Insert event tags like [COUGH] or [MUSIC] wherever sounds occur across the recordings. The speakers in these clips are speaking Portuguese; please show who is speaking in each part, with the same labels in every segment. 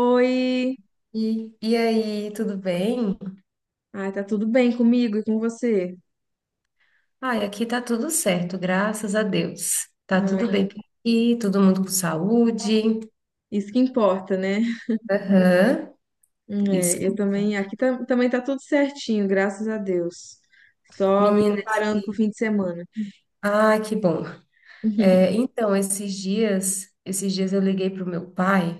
Speaker 1: Oi!
Speaker 2: E aí, tudo bem?
Speaker 1: Ai, tá tudo bem comigo e com você?
Speaker 2: Ai, aqui tá tudo certo, graças a Deus. Tá
Speaker 1: Ai,
Speaker 2: tudo bem por aqui, todo mundo com saúde.
Speaker 1: isso que importa, né?
Speaker 2: Aham,
Speaker 1: É,
Speaker 2: isso.
Speaker 1: eu também, também tá tudo certinho, graças a Deus. Só me
Speaker 2: Menina,
Speaker 1: preparando pro fim de semana.
Speaker 2: ah, que bom. É,
Speaker 1: [LAUGHS]
Speaker 2: então, esses dias eu liguei pro meu pai.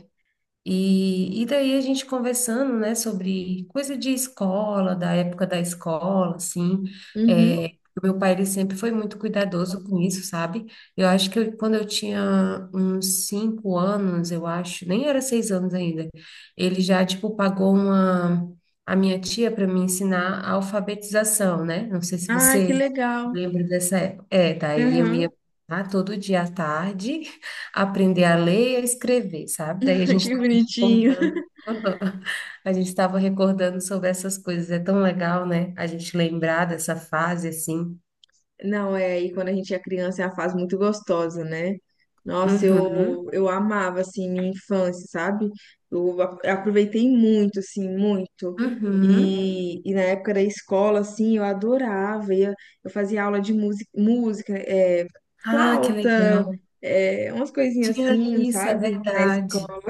Speaker 2: E daí a gente conversando, né, sobre coisa de escola, da época da escola, assim,
Speaker 1: Uhum.
Speaker 2: é, o meu pai, ele sempre foi muito cuidadoso com isso, sabe? Eu acho que quando eu tinha uns 5 anos, eu acho, nem era 6 anos ainda, ele já, tipo, pagou uma, a minha tia para me ensinar a alfabetização, né? Não sei se
Speaker 1: Ai, que
Speaker 2: você
Speaker 1: legal!
Speaker 2: lembra dessa época. É, daí eu
Speaker 1: Uhum.
Speaker 2: ia lá todo dia à tarde [LAUGHS] aprender a ler e a escrever, sabe? Daí a
Speaker 1: [LAUGHS] Que
Speaker 2: gente
Speaker 1: bonitinho!
Speaker 2: recordando. [LAUGHS] A gente estava recordando sobre essas coisas. É tão legal, né? A gente lembrar dessa fase assim.
Speaker 1: Não, é aí quando a gente é criança é uma fase muito gostosa, né? Nossa,
Speaker 2: Uhum.
Speaker 1: eu amava, assim, minha infância, sabe? Aproveitei muito, assim, muito.
Speaker 2: Uhum.
Speaker 1: E na época da escola, assim, eu adorava. Eu fazia aula de música, é,
Speaker 2: Ah, que
Speaker 1: flauta,
Speaker 2: legal.
Speaker 1: é, umas coisinhas
Speaker 2: Tinha
Speaker 1: assim,
Speaker 2: isso, é
Speaker 1: sabe? Na
Speaker 2: verdade.
Speaker 1: escola.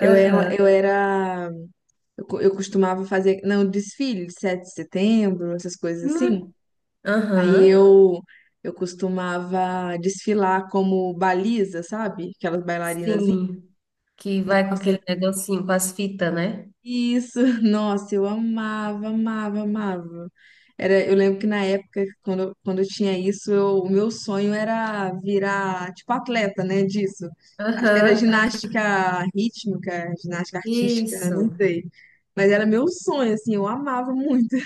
Speaker 1: Eu era,
Speaker 2: Aham.
Speaker 1: eu era, eu co- Eu costumava fazer, não, desfile de 7 de setembro, essas coisas assim.
Speaker 2: Hum,
Speaker 1: Aí
Speaker 2: aham.
Speaker 1: eu eu costumava desfilar como baliza, sabe? Aquelas bailarinas.
Speaker 2: Sim. Que vai com
Speaker 1: Nossa,
Speaker 2: aquele negocinho, com as fitas, né?
Speaker 1: isso, [LAUGHS] nossa, eu amava, amava, amava. Era, eu lembro que na época quando eu tinha isso, o meu sonho era virar, tipo, atleta, né, disso. Acho que era
Speaker 2: Aham.
Speaker 1: ginástica rítmica, ginástica artística, não
Speaker 2: Isso.
Speaker 1: sei. Mas era meu sonho, assim, eu amava muito.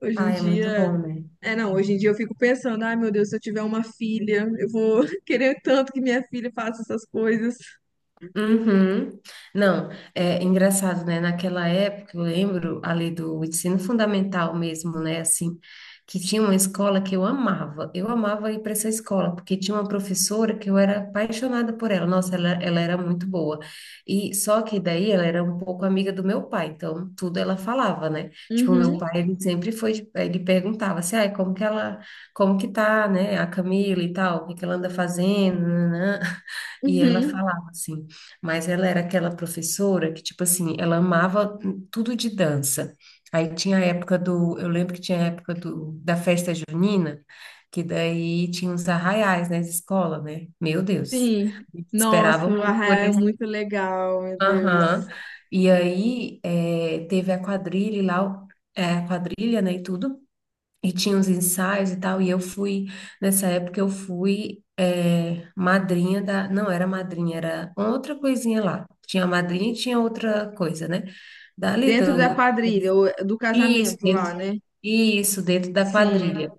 Speaker 1: Hoje em
Speaker 2: Ah, é muito
Speaker 1: dia.
Speaker 2: bom, né?
Speaker 1: É, não, hoje em dia eu fico pensando, ai meu Deus, se eu tiver uma filha, eu vou [LAUGHS] querer tanto que minha filha faça essas coisas.
Speaker 2: Uhum. Não, é engraçado, né? Naquela época, eu lembro ali do ensino fundamental mesmo, né? Assim, que tinha uma escola que eu amava. Eu amava ir para essa escola, porque tinha uma professora que eu era apaixonada por ela. Nossa, ela era muito boa. E só que daí ela era um pouco amiga do meu pai, então tudo ela falava, né? Tipo, meu
Speaker 1: Uhum,
Speaker 2: pai, ele sempre foi, ele perguntava assim, ai, como que ela, como que tá, né? A Camila e tal, o que que ela anda fazendo, nananã. E ela
Speaker 1: uhum,
Speaker 2: falava assim. Mas ela era aquela professora que, tipo assim, ela amava tudo de dança. Aí tinha a época do, eu lembro que tinha a época do, da festa junina, que daí tinha uns arraiais nas escolas, né? Meu Deus,
Speaker 1: sim. Nossa,
Speaker 2: esperavam
Speaker 1: o
Speaker 2: muito por
Speaker 1: Arraial é
Speaker 2: isso.
Speaker 1: muito legal, meu Deus.
Speaker 2: Aham. E aí teve a quadrilha e lá, a quadrilha, né, e tudo. E tinha uns ensaios e tal, e eu fui, nessa época eu fui madrinha não era madrinha, era outra coisinha lá. Tinha a madrinha e tinha outra coisa, né? Dali
Speaker 1: Dentro da
Speaker 2: do,
Speaker 1: quadrilha, ou do
Speaker 2: isso,
Speaker 1: casamento lá,
Speaker 2: dentro,
Speaker 1: né?
Speaker 2: isso, dentro da
Speaker 1: Sim.
Speaker 2: quadrilha.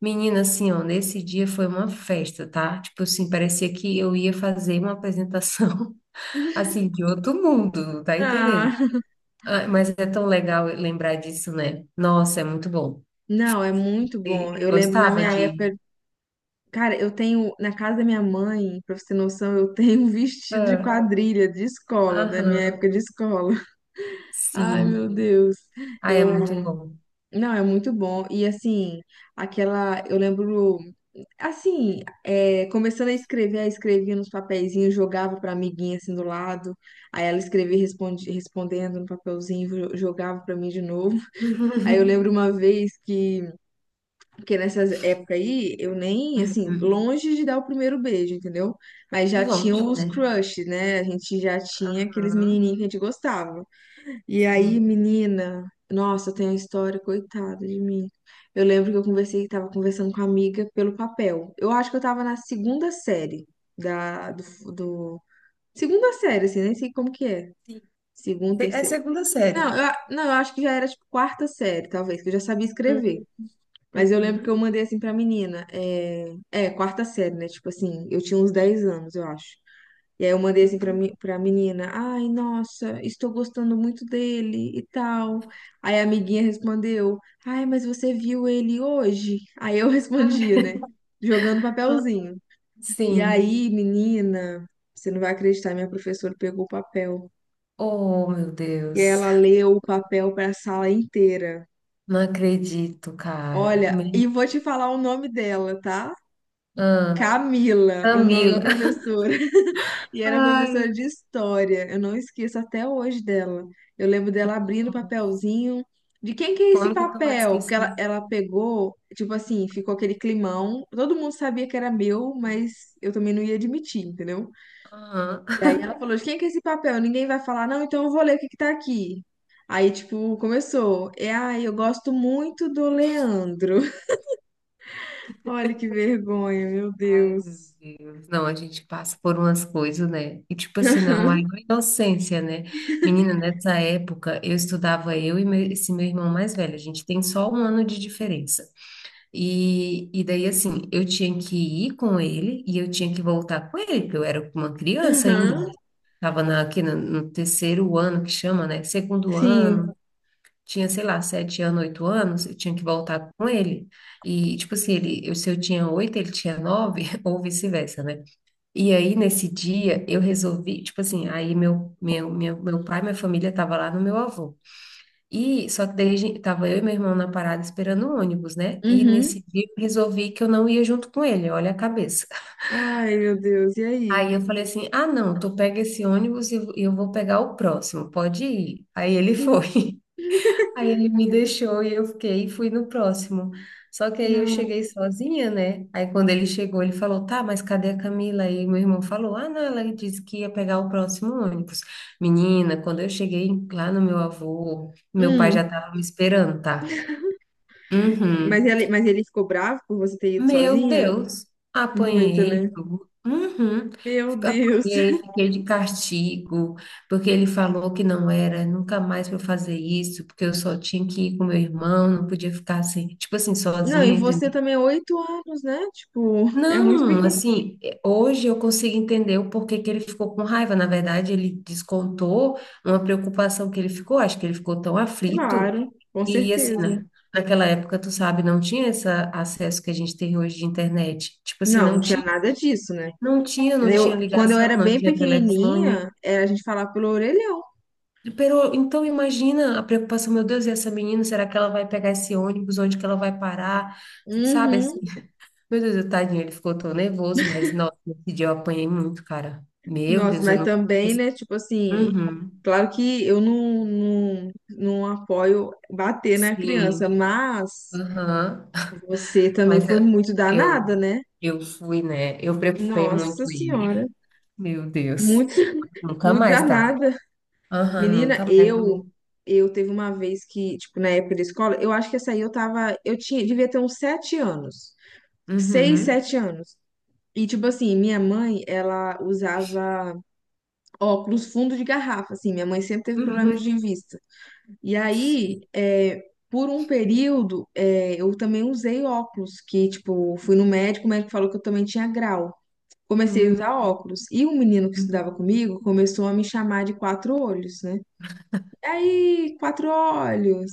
Speaker 2: Menina, assim, ó, nesse dia foi uma festa, tá? Tipo assim, parecia que eu ia fazer uma apresentação, [LAUGHS] assim, de outro mundo, tá entendendo?
Speaker 1: Ah, [LAUGHS]
Speaker 2: Ah, mas é tão legal lembrar disso, né? Nossa, é muito bom.
Speaker 1: não, é muito bom.
Speaker 2: Você
Speaker 1: Eu lembro na
Speaker 2: gostava
Speaker 1: minha
Speaker 2: de
Speaker 1: época, cara, eu tenho, na casa da minha mãe, pra você ter noção, eu tenho um vestido de
Speaker 2: ah,
Speaker 1: quadrilha de escola, da minha
Speaker 2: aham,
Speaker 1: época de escola. Ai, meu
Speaker 2: sim.
Speaker 1: Deus.
Speaker 2: Ah, é
Speaker 1: Eu,
Speaker 2: muito bom.
Speaker 1: não, é muito bom. E assim, aquela, eu lembro, assim, é, começando a escrever, aí escrevia nos papeizinhos, jogava pra amiguinha assim do lado. Aí ela escrevia responde, respondendo no papelzinho, jogava pra mim de novo. [LAUGHS] Aí eu
Speaker 2: [LAUGHS]
Speaker 1: lembro uma vez Que nessas épocas aí, eu nem, assim,
Speaker 2: Uhum.
Speaker 1: longe de dar o primeiro beijo, entendeu? Mas já tinha
Speaker 2: Longe,
Speaker 1: os
Speaker 2: né?
Speaker 1: crushes, né? A gente já tinha aqueles
Speaker 2: Aham,
Speaker 1: menininhos que a gente gostava. E aí,
Speaker 2: sim.
Speaker 1: menina, nossa, tem a história, coitada de mim. Eu lembro que tava conversando com a amiga pelo papel. Eu acho que eu tava na segunda série da, do, do- Segunda série, assim, nem sei como que é.
Speaker 2: Sim.
Speaker 1: Segunda,
Speaker 2: É
Speaker 1: terceira.
Speaker 2: segunda série.
Speaker 1: Não, eu acho que já era tipo quarta série, talvez, que eu já sabia escrever.
Speaker 2: Uhum.
Speaker 1: Mas eu lembro que
Speaker 2: Uhum.
Speaker 1: eu mandei assim pra menina. É, é quarta série, né? Tipo assim, eu tinha uns 10 anos, eu acho. E aí eu mandei assim
Speaker 2: Uhum.
Speaker 1: pra menina, ai, nossa, estou gostando muito dele e tal. Aí a amiguinha respondeu, ai, mas você viu ele hoje? Aí eu [LAUGHS] respondia,
Speaker 2: Ai,
Speaker 1: né? Jogando
Speaker 2: [LAUGHS]
Speaker 1: papelzinho. E
Speaker 2: sim.
Speaker 1: aí, menina, você não vai acreditar, minha professora pegou o papel.
Speaker 2: Oh, meu
Speaker 1: E
Speaker 2: Deus.
Speaker 1: ela leu o papel pra sala inteira.
Speaker 2: Não acredito, cara.
Speaker 1: Olha,
Speaker 2: Me-
Speaker 1: e vou te falar o nome dela, tá?
Speaker 2: ah,
Speaker 1: Camila, o nome da
Speaker 2: Camila. [LAUGHS]
Speaker 1: professora. E era
Speaker 2: Ai,
Speaker 1: professora de história. Eu não esqueço até hoje dela. Eu lembro dela abrindo o papelzinho. De quem que é esse
Speaker 2: como que tu vai
Speaker 1: papel? Porque
Speaker 2: esquecer?
Speaker 1: ela pegou, tipo assim, ficou aquele climão. Todo mundo sabia que era meu, mas eu também não ia admitir, entendeu?
Speaker 2: Aham.
Speaker 1: E aí ela falou: de quem que é esse papel? Ninguém vai falar, não, então eu vou ler o que que tá aqui. Aí, tipo, começou. É, ai, eu gosto muito do Leandro. [LAUGHS] Olha que vergonha, meu
Speaker 2: Ai, meu
Speaker 1: Deus.
Speaker 2: Deus. Não, a gente passa por umas coisas, né? E tipo
Speaker 1: [LAUGHS]
Speaker 2: assim, na
Speaker 1: Aham,
Speaker 2: maior inocência, né? Menina, nessa época eu estudava eu e esse meu irmão mais velho. A gente tem só 1 ano de diferença. E daí, assim, eu tinha que ir com ele e eu tinha que voltar com ele, porque eu era uma criança ainda.
Speaker 1: aham,
Speaker 2: Tava aqui no terceiro ano que chama, né? Segundo ano.
Speaker 1: sim.
Speaker 2: Tinha, sei lá, 7 anos, 8 anos, eu tinha que voltar com ele. E, tipo assim, ele, eu, se eu tinha 8, ele tinha 9, [LAUGHS] ou vice-versa, né? E aí, nesse dia, eu resolvi, tipo assim, aí minha família tava lá no meu avô. E só que daí tava eu e meu irmão na parada esperando o ônibus, né? E
Speaker 1: Uhum.
Speaker 2: nesse dia eu resolvi que eu não ia junto com ele, olha a cabeça.
Speaker 1: Ai, meu Deus, e aí?
Speaker 2: Aí eu falei assim: ah, não, tu pega esse ônibus e eu vou pegar o próximo, pode ir. Aí ele [LAUGHS] foi. Aí ele me deixou e eu fiquei e fui no próximo. Só que aí eu
Speaker 1: Não.
Speaker 2: cheguei sozinha, né? Aí quando ele chegou, ele falou: "Tá, mas cadê a Camila?" Aí meu irmão falou: "Ah, não, ela disse que ia pegar o próximo ônibus." Menina, quando eu cheguei lá no meu avô, meu pai já
Speaker 1: Hum,
Speaker 2: estava me esperando, tá?
Speaker 1: mas
Speaker 2: Uhum.
Speaker 1: ele ficou bravo por você ter ido
Speaker 2: Meu
Speaker 1: sozinha?
Speaker 2: Deus,
Speaker 1: Muito,
Speaker 2: apanhei
Speaker 1: né?
Speaker 2: tudo. Uhum.
Speaker 1: Meu Deus.
Speaker 2: Apanhei, fiquei de castigo, porque ele falou que não era nunca mais para fazer isso, porque eu só tinha que ir com meu irmão, não podia ficar assim, tipo assim,
Speaker 1: Não, e
Speaker 2: sozinha,
Speaker 1: você
Speaker 2: entendeu?
Speaker 1: também, é 8 anos, né? Tipo, é muito
Speaker 2: Não,
Speaker 1: pequeno.
Speaker 2: assim, hoje eu consigo entender o porquê que ele ficou com raiva. Na verdade, ele descontou uma preocupação que ele ficou, acho que ele ficou tão aflito,
Speaker 1: Claro, com
Speaker 2: e assim,
Speaker 1: certeza.
Speaker 2: na naquela época, tu sabe, não tinha esse acesso que a gente tem hoje de internet. Tipo assim,
Speaker 1: Não, não
Speaker 2: não
Speaker 1: tinha
Speaker 2: tinha
Speaker 1: nada disso, né?
Speaker 2: não tinha, não tinha
Speaker 1: Eu, quando eu
Speaker 2: ligação,
Speaker 1: era
Speaker 2: não
Speaker 1: bem
Speaker 2: tinha telefone.
Speaker 1: pequenininha, era a gente falar pelo orelhão.
Speaker 2: Pero, então imagina a preocupação, meu Deus, e essa menina, será que ela vai pegar esse ônibus? Onde que ela vai parar? Sabe assim?
Speaker 1: Uhum.
Speaker 2: Meu Deus, o tadinho, ele ficou tão nervoso, mas nossa, nesse dia eu apanhei muito, cara. Meu
Speaker 1: Nossa,
Speaker 2: Deus, eu
Speaker 1: mas
Speaker 2: não.
Speaker 1: também, né? Tipo assim,
Speaker 2: Uhum.
Speaker 1: claro que eu não, não, não apoio bater na criança,
Speaker 2: Sim,
Speaker 1: mas
Speaker 2: aham.
Speaker 1: você também
Speaker 2: Mas
Speaker 1: foi muito
Speaker 2: eu,
Speaker 1: danada, né?
Speaker 2: eu fui, né? Eu preocupei muito
Speaker 1: Nossa
Speaker 2: ele.
Speaker 1: Senhora,
Speaker 2: Meu Deus.
Speaker 1: muito, [LAUGHS]
Speaker 2: Nunca
Speaker 1: muito
Speaker 2: mais, tá?
Speaker 1: danada.
Speaker 2: Aham,
Speaker 1: Menina,
Speaker 2: nunca mais. Eu-
Speaker 1: eu teve uma vez que, tipo, na época da escola, eu acho que essa aí eu tava, eu tinha, devia ter uns 7 anos, seis,
Speaker 2: Uhum.
Speaker 1: 7 anos. E, tipo assim, minha mãe, ela usava óculos fundo de garrafa, assim, minha mãe sempre teve problema de
Speaker 2: Uhum.
Speaker 1: vista. E
Speaker 2: Sim.
Speaker 1: aí, é, por um período, é, eu também usei óculos, que, tipo, fui no médico, o médico falou que eu também tinha grau. Comecei a
Speaker 2: Hum.
Speaker 1: usar óculos. E um menino que
Speaker 2: Uhum.
Speaker 1: estudava comigo começou a me chamar de quatro olhos, né? E aí, quatro olhos.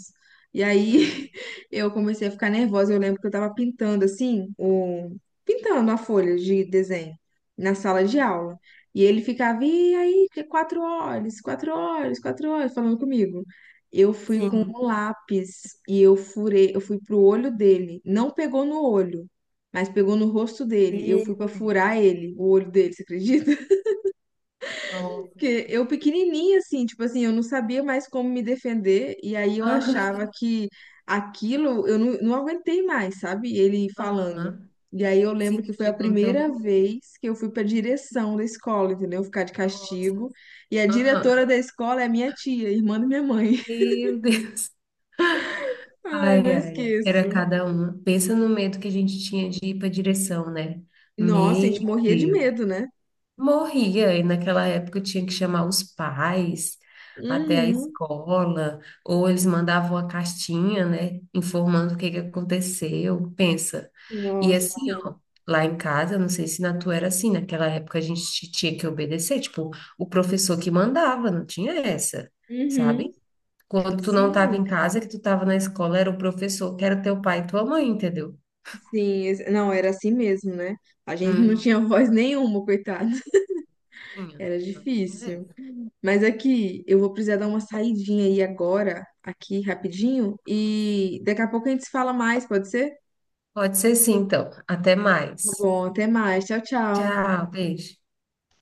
Speaker 1: E
Speaker 2: Aham.
Speaker 1: aí [LAUGHS] eu comecei a ficar nervosa. Eu lembro que eu tava pintando assim, o... pintando a folha de desenho na sala de aula. E ele ficava, e aí, que quatro olhos, quatro olhos, quatro olhos, falando comigo. Eu fui com
Speaker 2: Sim.
Speaker 1: um lápis e eu furei, eu fui pro olho dele. Não pegou no olho, mas pegou no rosto dele. Eu
Speaker 2: Meu
Speaker 1: fui pra
Speaker 2: Deus.
Speaker 1: furar ele, o olho dele, você acredita?
Speaker 2: Nossa, não
Speaker 1: Porque eu
Speaker 2: acredito.
Speaker 1: pequenininha, assim, tipo assim, eu não sabia mais como me defender, e aí eu
Speaker 2: Aham.
Speaker 1: achava que aquilo, eu não, não aguentei mais, sabe? Ele falando.
Speaker 2: Aham.
Speaker 1: E aí eu lembro
Speaker 2: Sim,
Speaker 1: que
Speaker 2: tu
Speaker 1: foi a
Speaker 2: chegou no teu
Speaker 1: primeira
Speaker 2: limite.
Speaker 1: vez que eu fui pra direção da escola, entendeu? Ficar de
Speaker 2: Nossa.
Speaker 1: castigo. E a
Speaker 2: Aham.
Speaker 1: diretora da escola é minha tia, irmã da minha mãe. [LAUGHS]
Speaker 2: Meu Deus.
Speaker 1: Ai,
Speaker 2: Ai,
Speaker 1: não
Speaker 2: ai. Era
Speaker 1: esqueço.
Speaker 2: cada um. Pensa no medo que a gente tinha de ir para direção, né?
Speaker 1: Nossa, a
Speaker 2: Meu
Speaker 1: gente morria de
Speaker 2: Deus.
Speaker 1: medo, né?
Speaker 2: Morria, e naquela época eu tinha que chamar os pais até a
Speaker 1: Uhum.
Speaker 2: escola, ou eles mandavam a cartinha, né, informando o que que aconteceu. Pensa. E assim,
Speaker 1: Nossa.
Speaker 2: ó, lá em casa, não sei se na tua era assim, naquela época a gente tinha que obedecer, tipo, o professor que mandava, não tinha essa,
Speaker 1: Uhum.
Speaker 2: sabe? Quando tu não estava
Speaker 1: Sim.
Speaker 2: em casa, que tu estava na escola, era o professor que era teu pai e tua mãe, entendeu?
Speaker 1: Não, era assim mesmo, né? A gente não
Speaker 2: Hum,
Speaker 1: tinha voz nenhuma, coitado. [LAUGHS]
Speaker 2: tinha,
Speaker 1: Era
Speaker 2: não tinha
Speaker 1: difícil. Mas aqui, eu vou precisar dar uma saidinha aí agora, aqui rapidinho,
Speaker 2: essa.
Speaker 1: e daqui a pouco a gente se fala mais, pode ser?
Speaker 2: Pode ser sim, então. Até
Speaker 1: Tá
Speaker 2: mais.
Speaker 1: bom, até mais. Tchau, tchau.
Speaker 2: Tchau, beijo.